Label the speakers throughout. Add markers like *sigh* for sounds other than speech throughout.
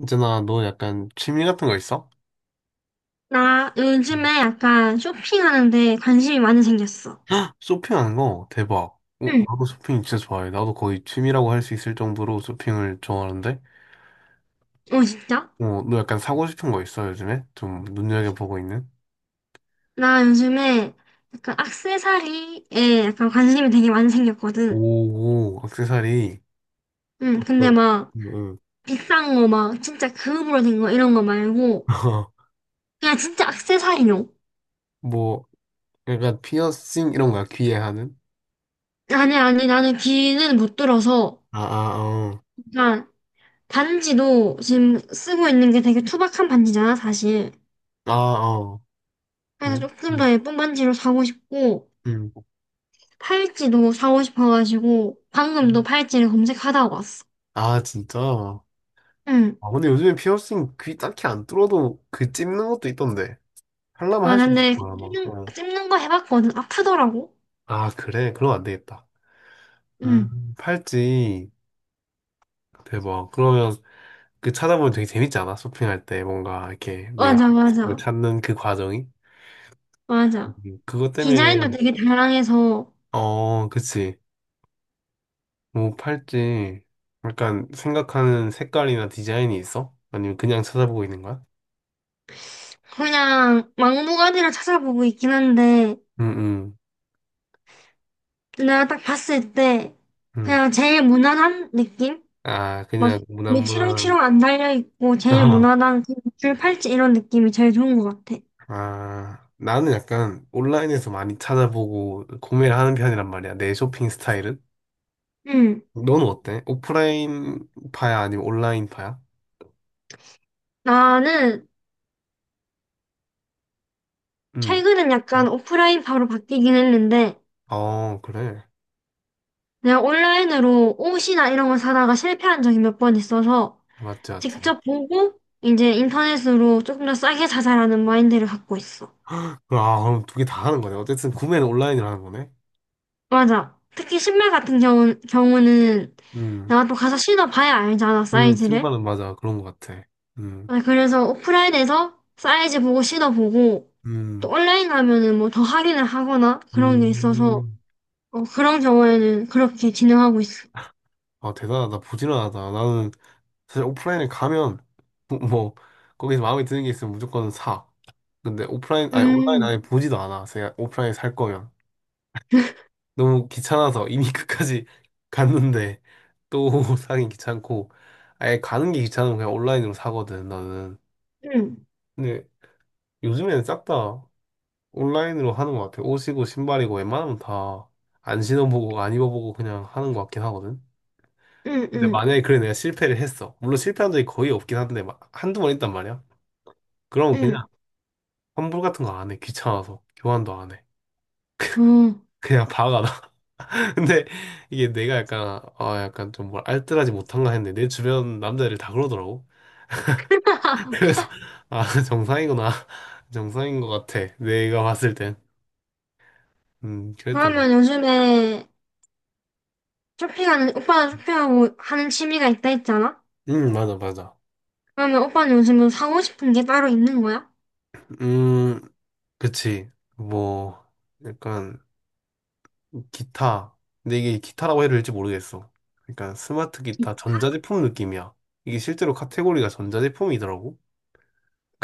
Speaker 1: 있잖아, 너 약간 취미 같은 거 있어?
Speaker 2: 나
Speaker 1: 음.
Speaker 2: 요즘에 약간 쇼핑하는데 관심이 많이 생겼어.
Speaker 1: 쇼핑하는 거 대박. 어,
Speaker 2: 응.
Speaker 1: 나도 쇼핑 진짜 좋아해. 나도 거의 취미라고 할 수 있을 정도로 쇼핑을 좋아하는데.
Speaker 2: 어, 진짜?
Speaker 1: 어, 너 약간 사고 싶은 거 있어, 요즘에? 좀 눈여겨보고 있는?
Speaker 2: 나 요즘에 약간 액세서리에 약간 관심이 되게 많이 생겼거든.
Speaker 1: 오, 오, 액세서리.
Speaker 2: 응, 근데
Speaker 1: 어떤?
Speaker 2: 막
Speaker 1: 응, 응.
Speaker 2: 비싼 거 막 진짜 금으로 된 거 이런 거 말고
Speaker 1: *laughs*
Speaker 2: 그냥 진짜 액세서리용.
Speaker 1: 뭐, 약간 피어싱 이런 거야, 귀에 하는?
Speaker 2: 아니, 아니, 나는 귀는 못 들어서
Speaker 1: 아, 아, 어.
Speaker 2: 약간 반지도 지금 쓰고 있는 게 되게 투박한 반지잖아, 사실.
Speaker 1: 아, 어.
Speaker 2: 그래서
Speaker 1: 어?
Speaker 2: 조금
Speaker 1: 응,
Speaker 2: 더 예쁜 반지로 사고 싶고
Speaker 1: 응.
Speaker 2: 팔찌도 사고 싶어가지고 방금 도 팔찌를 검색하다가 왔어.
Speaker 1: 아, 진짜?
Speaker 2: 응.
Speaker 1: 아, 근데 요즘에 피어싱 귀 딱히 안 뚫어도 그 찝는 것도 있던데. 하려면
Speaker 2: 와,
Speaker 1: 할 수 있을
Speaker 2: 근데
Speaker 1: 거야, 아마.
Speaker 2: 찝는,
Speaker 1: 어.
Speaker 2: 찝는 거 해봤거든. 아프더라고.
Speaker 1: 아, 그래? 그럼 안 되겠다.
Speaker 2: 응.
Speaker 1: 팔찌. 대박. 그러면 그 찾아보면 되게 재밌지 않아? 쇼핑할 때 뭔가 이렇게 내가
Speaker 2: 맞아,
Speaker 1: 뭘
Speaker 2: 맞아,
Speaker 1: 찾는 그 과정이?
Speaker 2: 맞아.
Speaker 1: 음, 그것 때문에,
Speaker 2: 디자인도 되게 다양해서
Speaker 1: 어, 그치. 뭐, 팔찌. 약간 생각하는 색깔이나 디자인이 있어? 아니면 그냥 찾아보고 있는 거야?
Speaker 2: 그냥 막무가내로 찾아보고 있긴 한데
Speaker 1: 응, 응,
Speaker 2: 내가 딱 봤을 때
Speaker 1: 응.
Speaker 2: 그냥 제일 무난한 느낌?
Speaker 1: 아,
Speaker 2: 막
Speaker 1: 그냥
Speaker 2: 이게
Speaker 1: 무난무난.
Speaker 2: 치렁치렁 안 달려있고 제일
Speaker 1: *laughs*
Speaker 2: 무난한 그줄 팔찌 이런 느낌이 제일 좋은 것 같아.
Speaker 1: 아, 나는 약간 온라인에서 많이 찾아보고 구매를 하는 편이란 말이야. 내 쇼핑 스타일은.
Speaker 2: 응.
Speaker 1: 너는 어때? 오프라인 파야 아니면 온라인 파야?
Speaker 2: 나는
Speaker 1: 응.
Speaker 2: 최근엔 약간 오프라인 파로 바뀌긴 했는데,
Speaker 1: 어, 그래.
Speaker 2: 내가 온라인으로 옷이나 이런 걸 사다가 실패한 적이 몇 번 있어서,
Speaker 1: 맞지, 맞지.
Speaker 2: 직접 보고, 이제 인터넷으로 조금 더 싸게 사자라는 마인드를 갖고 있어.
Speaker 1: 아, 그럼 두 개 다 하는 거네. 어쨌든 구매는 온라인으로 하는 거네.
Speaker 2: 맞아. 특히 신발 같은 경우는
Speaker 1: 음.
Speaker 2: 내가 또 가서 신어봐야 알잖아, 사이즈를.
Speaker 1: 신발은 맞아. 그런 것 같아. 음.
Speaker 2: 아, 그래서 오프라인에서 사이즈 보고 신어보고, 또
Speaker 1: 음.
Speaker 2: 온라인 가면은 뭐 더 할인을 하거나 그런 게 있어서,
Speaker 1: 음.
Speaker 2: 어, 그런 경우에는 그렇게 진행하고 있어.
Speaker 1: 아, 대단하다. 부지런하다. 나는 사실 오프라인에 가면 *laughs* 뭐 거기서 마음에 드는 게 있으면 무조건 사. 근데 오프라인 아니 온라인
Speaker 2: 음,
Speaker 1: 아예 보지도 않아. 제가 오프라인에 살 거면 너무 귀찮아서 이미 *laughs* 끝까지 갔는데 또 *laughs* 사긴 귀찮고 아예 가는 게 귀찮으면 그냥 온라인으로 사거든 나는.
Speaker 2: 음.
Speaker 1: 근데 요즘에는 싹 다 온라인으로 하는 것 같아. 옷이고 신발이고 웬만하면 다 안 신어보고 안 입어보고 그냥 하는 것 같긴 하거든.
Speaker 2: 응,
Speaker 1: 근데
Speaker 2: 응,
Speaker 1: 만약에 그래 내가 실패를 했어. 물론 실패한 적이 거의 없긴 한데 막 한두 번 있단 말이야. 그럼 그냥 환불 같은 거 안 해. 귀찮아서. 교환도 안 해.
Speaker 2: 응.
Speaker 1: *laughs* 그냥 박아 놔. *laughs* 근데 이게 내가 약간 좀 뭘 알뜰하지 못한가 했는데 내 주변 남자들 다 그러더라고. *laughs* 그래서 아 정상이구나. *laughs* 정상인 것 같아. 내가 봤을 땐.
Speaker 2: 어,
Speaker 1: 그랬던 거.
Speaker 2: 그러면 요즘에 오빠는 쇼핑하고 하는 취미가 있다 했잖아?
Speaker 1: 맞아 맞아.
Speaker 2: 그러면 오빠는 요즘 뭐 사고 싶은 게 따로 있는 거야?
Speaker 1: 음 그치. 뭐 약간 기타. 근데 이게 기타라고 해야 될지 모르겠어. 그러니까 스마트 기타, 전자제품 느낌이야. 이게 실제로 카테고리가 전자제품이더라고.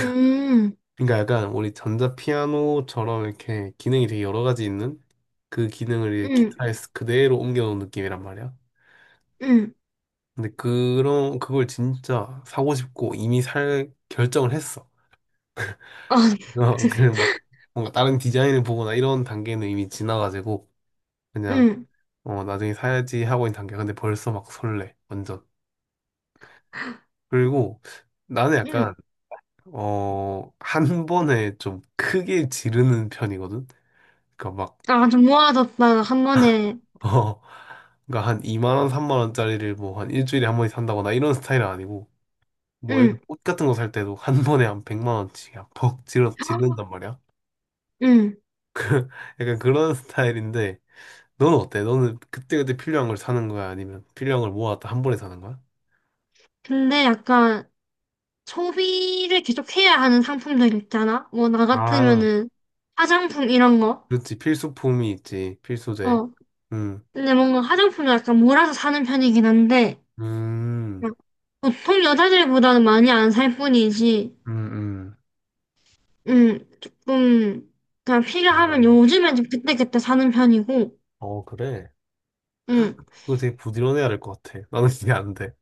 Speaker 2: 음,
Speaker 1: 그러니까 약간 우리 전자피아노처럼 이렇게 기능이 되게 여러 가지 있는 그 기능을 이제
Speaker 2: 응,
Speaker 1: 기타에 그대로 옮겨놓은 느낌이란 말이야.
Speaker 2: 응.
Speaker 1: 근데 그걸 진짜 사고 싶고 이미 살 결정을 했어.
Speaker 2: 아,
Speaker 1: *laughs* 어, 그냥
Speaker 2: *laughs*
Speaker 1: 막 뭔가 다른 디자인을 보거나 이런 단계는 이미 지나가지고 그냥
Speaker 2: 응,
Speaker 1: 나중에 사야지 하고 있는 단계야. 근데 벌써 막 설레. 완전. 그리고 나는 약간
Speaker 2: 응.
Speaker 1: 한 번에 좀 크게 지르는 편이거든. 그러니까 막
Speaker 2: 아, 좀 모아뒀다가 한 번에,
Speaker 1: 어, 그러니까 한 2만 원, 3만 원짜리를 뭐 한 일주일에 한 번씩 산다거나 이런 스타일은 아니고 뭐 예를 들어
Speaker 2: 응,
Speaker 1: 옷 같은 거 살 때도 한 번에 한 100만 원씩 그냥 퍽 지르 지른단 말이야.
Speaker 2: 응.
Speaker 1: 약간 그런 *laughs* 스타일인데 너는 어때? 너는 그때그때 필요한 걸 사는 거야? 아니면 필요한 걸 모았다 한 번에 사는 거야?
Speaker 2: 근데 약간 소비를 계속 해야 하는 상품들 있잖아? 뭐, 나
Speaker 1: 아,
Speaker 2: 같으면은 화장품 이런 거.
Speaker 1: 그렇지. 필수품이 있지. 필수재.
Speaker 2: 어.
Speaker 1: 음.
Speaker 2: 근데 뭔가 화장품을 약간 몰아서 사는 편이긴 한데,
Speaker 1: 음.
Speaker 2: 그냥 보통 여자들보다는 많이 안 살 뿐이지,
Speaker 1: 음. 음.
Speaker 2: 조금, 그냥 필요하면
Speaker 1: 아.
Speaker 2: 요즘엔 좀 그때그때 사는 편이고,
Speaker 1: 어, 그래.
Speaker 2: 음,
Speaker 1: 그거 되게 부지런해야 될 것 같아. 나는 그게 안 돼.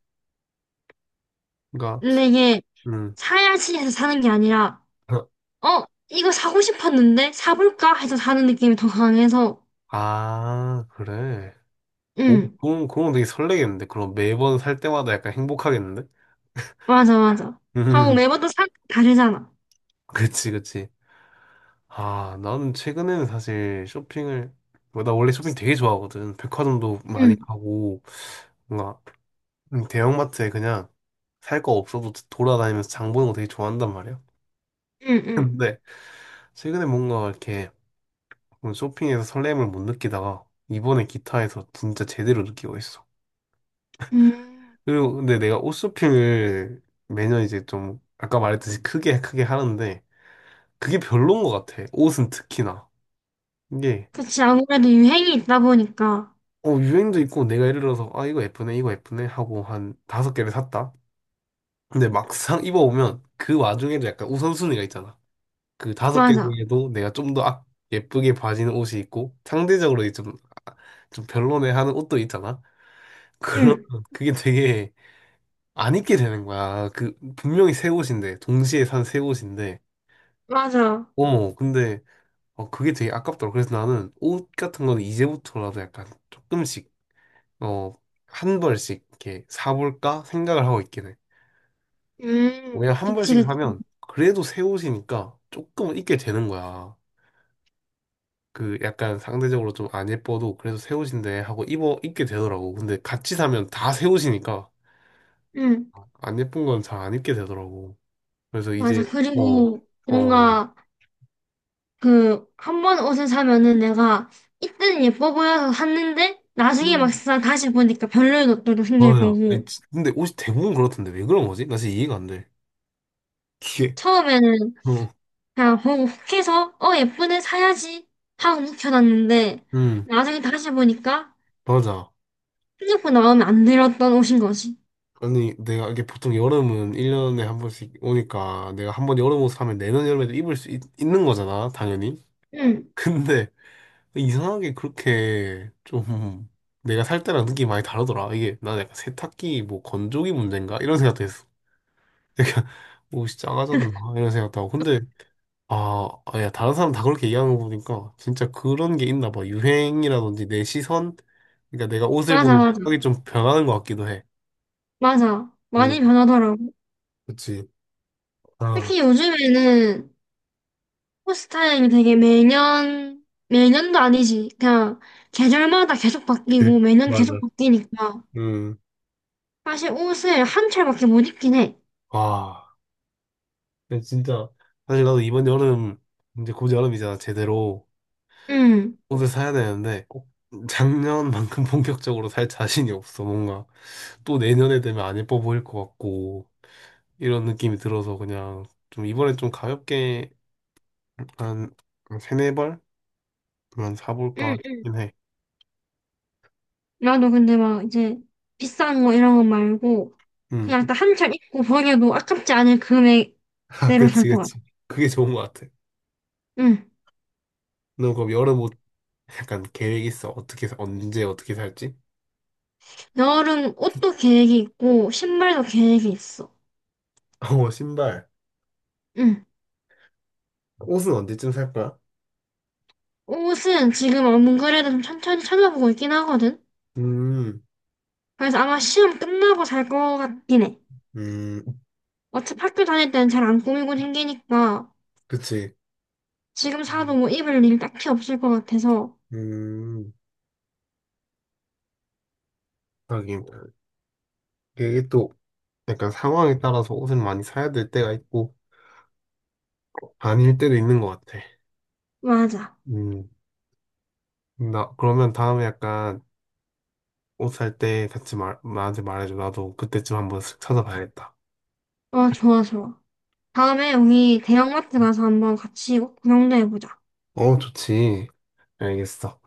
Speaker 1: 그러니까,
Speaker 2: 근데 이게
Speaker 1: 음.
Speaker 2: 사야지 해서 사는 게 아니라,
Speaker 1: *laughs*
Speaker 2: 어, 이거 사고 싶었는데 사볼까 해서 사는 느낌이 더 강해서,
Speaker 1: 아, 그래. 오,
Speaker 2: 음,
Speaker 1: 그럼 되게 설레겠는데? 그럼 매번 살 때마다 약간 행복하겠는데? *laughs*
Speaker 2: 맞아, 맞아. 하고
Speaker 1: 음,
Speaker 2: 매번 또 사, 다르잖아.
Speaker 1: 그치, 그치. 아, 나는 최근에는 사실 쇼핑을, 뭐, 나 원래 쇼핑 되게 좋아하거든. 백화점도 많이
Speaker 2: 응,
Speaker 1: 가고, 뭔가, 대형마트에 그냥 살 거 없어도 돌아다니면서 장 보는 거 되게 좋아한단 말이야.
Speaker 2: 응, 응.
Speaker 1: 근데, 최근에 뭔가 이렇게, 오늘 쇼핑에서 설렘을 못 느끼다가 이번에 기타에서 진짜 제대로 느끼고 있어.
Speaker 2: 음,
Speaker 1: 그리고 근데 내가 옷 쇼핑을 매년 이제 좀 아까 말했듯이 크게 크게 하는데 그게 별론 것 같아. 옷은 특히나. 이게
Speaker 2: 그치, 아무래도 유행이 있다 보니까.
Speaker 1: 유행도 있고 내가 예를 들어서 아 이거 예쁘네 이거 예쁘네 하고 한 다섯 개를 샀다. 근데 막상 입어보면 그 와중에도 약간 우선순위가 있잖아. 그 다섯 개
Speaker 2: 맞아.
Speaker 1: 중에도 내가 좀 더 아, 예쁘게 봐지는 옷이 있고 상대적으로 좀, 아, 좀 별로네 하는 옷도 있잖아. *laughs* 그런
Speaker 2: 응,
Speaker 1: 그게 되게 안 입게 되는 거야. 그 분명히 새 옷인데 동시에 산 새 옷인데
Speaker 2: 맞아.
Speaker 1: 어머 근데 그게 되게 아깝더라고. 그래서 나는 옷 같은 거는 이제부터라도 약간 조금씩 어 한 벌씩 이렇게 사볼까 생각을 하고 있긴 해. 왜냐 한
Speaker 2: 그치,
Speaker 1: 벌씩
Speaker 2: 그치.
Speaker 1: 사면 그래도 새 옷이니까 조금은 입게 되는 거야. 그 약간 상대적으로 좀 안 예뻐도 그래도 새 옷인데 하고 입어 입게 되더라고. 근데 같이 사면 다 새 옷이니까
Speaker 2: 응,
Speaker 1: 안 예쁜 건 잘 안 입게 되더라고. 그래서
Speaker 2: 맞아.
Speaker 1: 이제 어
Speaker 2: 그리고
Speaker 1: 어
Speaker 2: 뭔가 그 한 번 옷을 사면은 내가 이때는 예뻐 보여서 샀는데 나중에
Speaker 1: 맞아.
Speaker 2: 막상 다시 보니까 별로인 옷들도 생길
Speaker 1: 맞아. 아니,
Speaker 2: 거고
Speaker 1: 근데 옷이 대부분 그렇던데 왜 그런 거지? 나 진짜 이해가 안 돼. 이게,
Speaker 2: 처음에는
Speaker 1: 응,
Speaker 2: 그냥 보고 혹해서 어 예쁘네 사야지 하고 묵혀놨는데
Speaker 1: 응,
Speaker 2: 나중에 다시 보니까
Speaker 1: 맞아.
Speaker 2: 생각보다 마음에 안 들었던 옷인 거지.
Speaker 1: 아니, 내가 이게 보통 여름은 1년에 한 번씩 오니까 내가 한 번 여름 옷을 하면 내년 여름에도 입을 수 있, 는 거잖아, 당연히.
Speaker 2: 응.
Speaker 1: *laughs* 근데 이상하게 그렇게 좀 내가 살 때랑 느낌이 많이 다르더라. 이게 난 약간 세탁기 뭐 건조기 문제인가? 이런 생각도 했어. *laughs* 약간 옷이 작아졌나? 이런 생각도 하고. 근데 아, 아, 야, 다른 사람 다 그렇게 얘기하는 거 보니까 진짜 그런 게 있나 봐. 유행이라든지 내 시선? 그러니까 내가 옷을
Speaker 2: 맞아,
Speaker 1: 보는
Speaker 2: 맞아,
Speaker 1: 생각이 좀 변하는 것 같기도 해.
Speaker 2: 맞아,
Speaker 1: 음,
Speaker 2: 많이 변하더라고.
Speaker 1: 그치. 아,
Speaker 2: 특히 요즘에는 스타일이 되게 매년, 매년도 아니지. 그냥 계절마다 계속
Speaker 1: 그래.
Speaker 2: 바뀌고 매년
Speaker 1: 맞아.
Speaker 2: 계속 바뀌니까.
Speaker 1: 음,
Speaker 2: 사실 옷을 한 철밖에 못 입긴 해.
Speaker 1: 와. 근데 진짜, 사실 나도 이번 여름, 이제 곧 여름이잖아, 제대로.
Speaker 2: 응,
Speaker 1: 옷을 사야 되는데, 꼭 작년만큼 *laughs* 본격적으로 살 자신이 없어, 뭔가. 또 내년에 되면 안 예뻐 보일 것 같고, 이런 느낌이 들어서 그냥, 좀 이번에 좀 가볍게, 한, 세네 벌? 그만
Speaker 2: 응,
Speaker 1: 사볼까
Speaker 2: 응.
Speaker 1: 싶긴 해.
Speaker 2: 나도 근데 막 이제 비싼 거 이런 거 말고
Speaker 1: 음.
Speaker 2: 그냥 딱 한 철 입고 버려도 아깝지 않을
Speaker 1: *laughs* 아,
Speaker 2: 금액대로 살
Speaker 1: 그치,
Speaker 2: 것 같아.
Speaker 1: 그치. 그게 좋은 것 같아.
Speaker 2: 응.
Speaker 1: 너 그럼 여름 옷 약간 계획 있어? 어떻게, 언제 어떻게 살지?
Speaker 2: 여름 옷도 계획이 있고 신발도 계획이 있어.
Speaker 1: *laughs* 어, 신발.
Speaker 2: 응.
Speaker 1: 옷은 언제쯤 살 거야?
Speaker 2: 옷은 지금 안 그래도 좀 천천히 찾아보고 있긴 하거든.
Speaker 1: 음,
Speaker 2: 그래서 아마 시험 끝나고 살 것 같긴 해.
Speaker 1: 음,
Speaker 2: 어차피 학교 다닐 때는 잘 안 꾸미고 생기니까
Speaker 1: 그치.
Speaker 2: 지금 사도 뭐 입을 일 딱히 없을 것 같아서
Speaker 1: 음, 하긴. 이게 또 약간 상황에 따라서 옷을 많이 사야 될 때가 있고, 아닐 때도 있는 것 같아.
Speaker 2: 맞아.
Speaker 1: 음, 나, 그러면 다음에 약간 옷 살 때 같이 나한테 말해줘. 나도 그때쯤 한번 쓱 찾아봐야겠다.
Speaker 2: 어, 좋아, 좋아. 다음에 우리 대형마트 가서 한번 같이 구경도 해보자.
Speaker 1: 어, 좋지. 알겠어.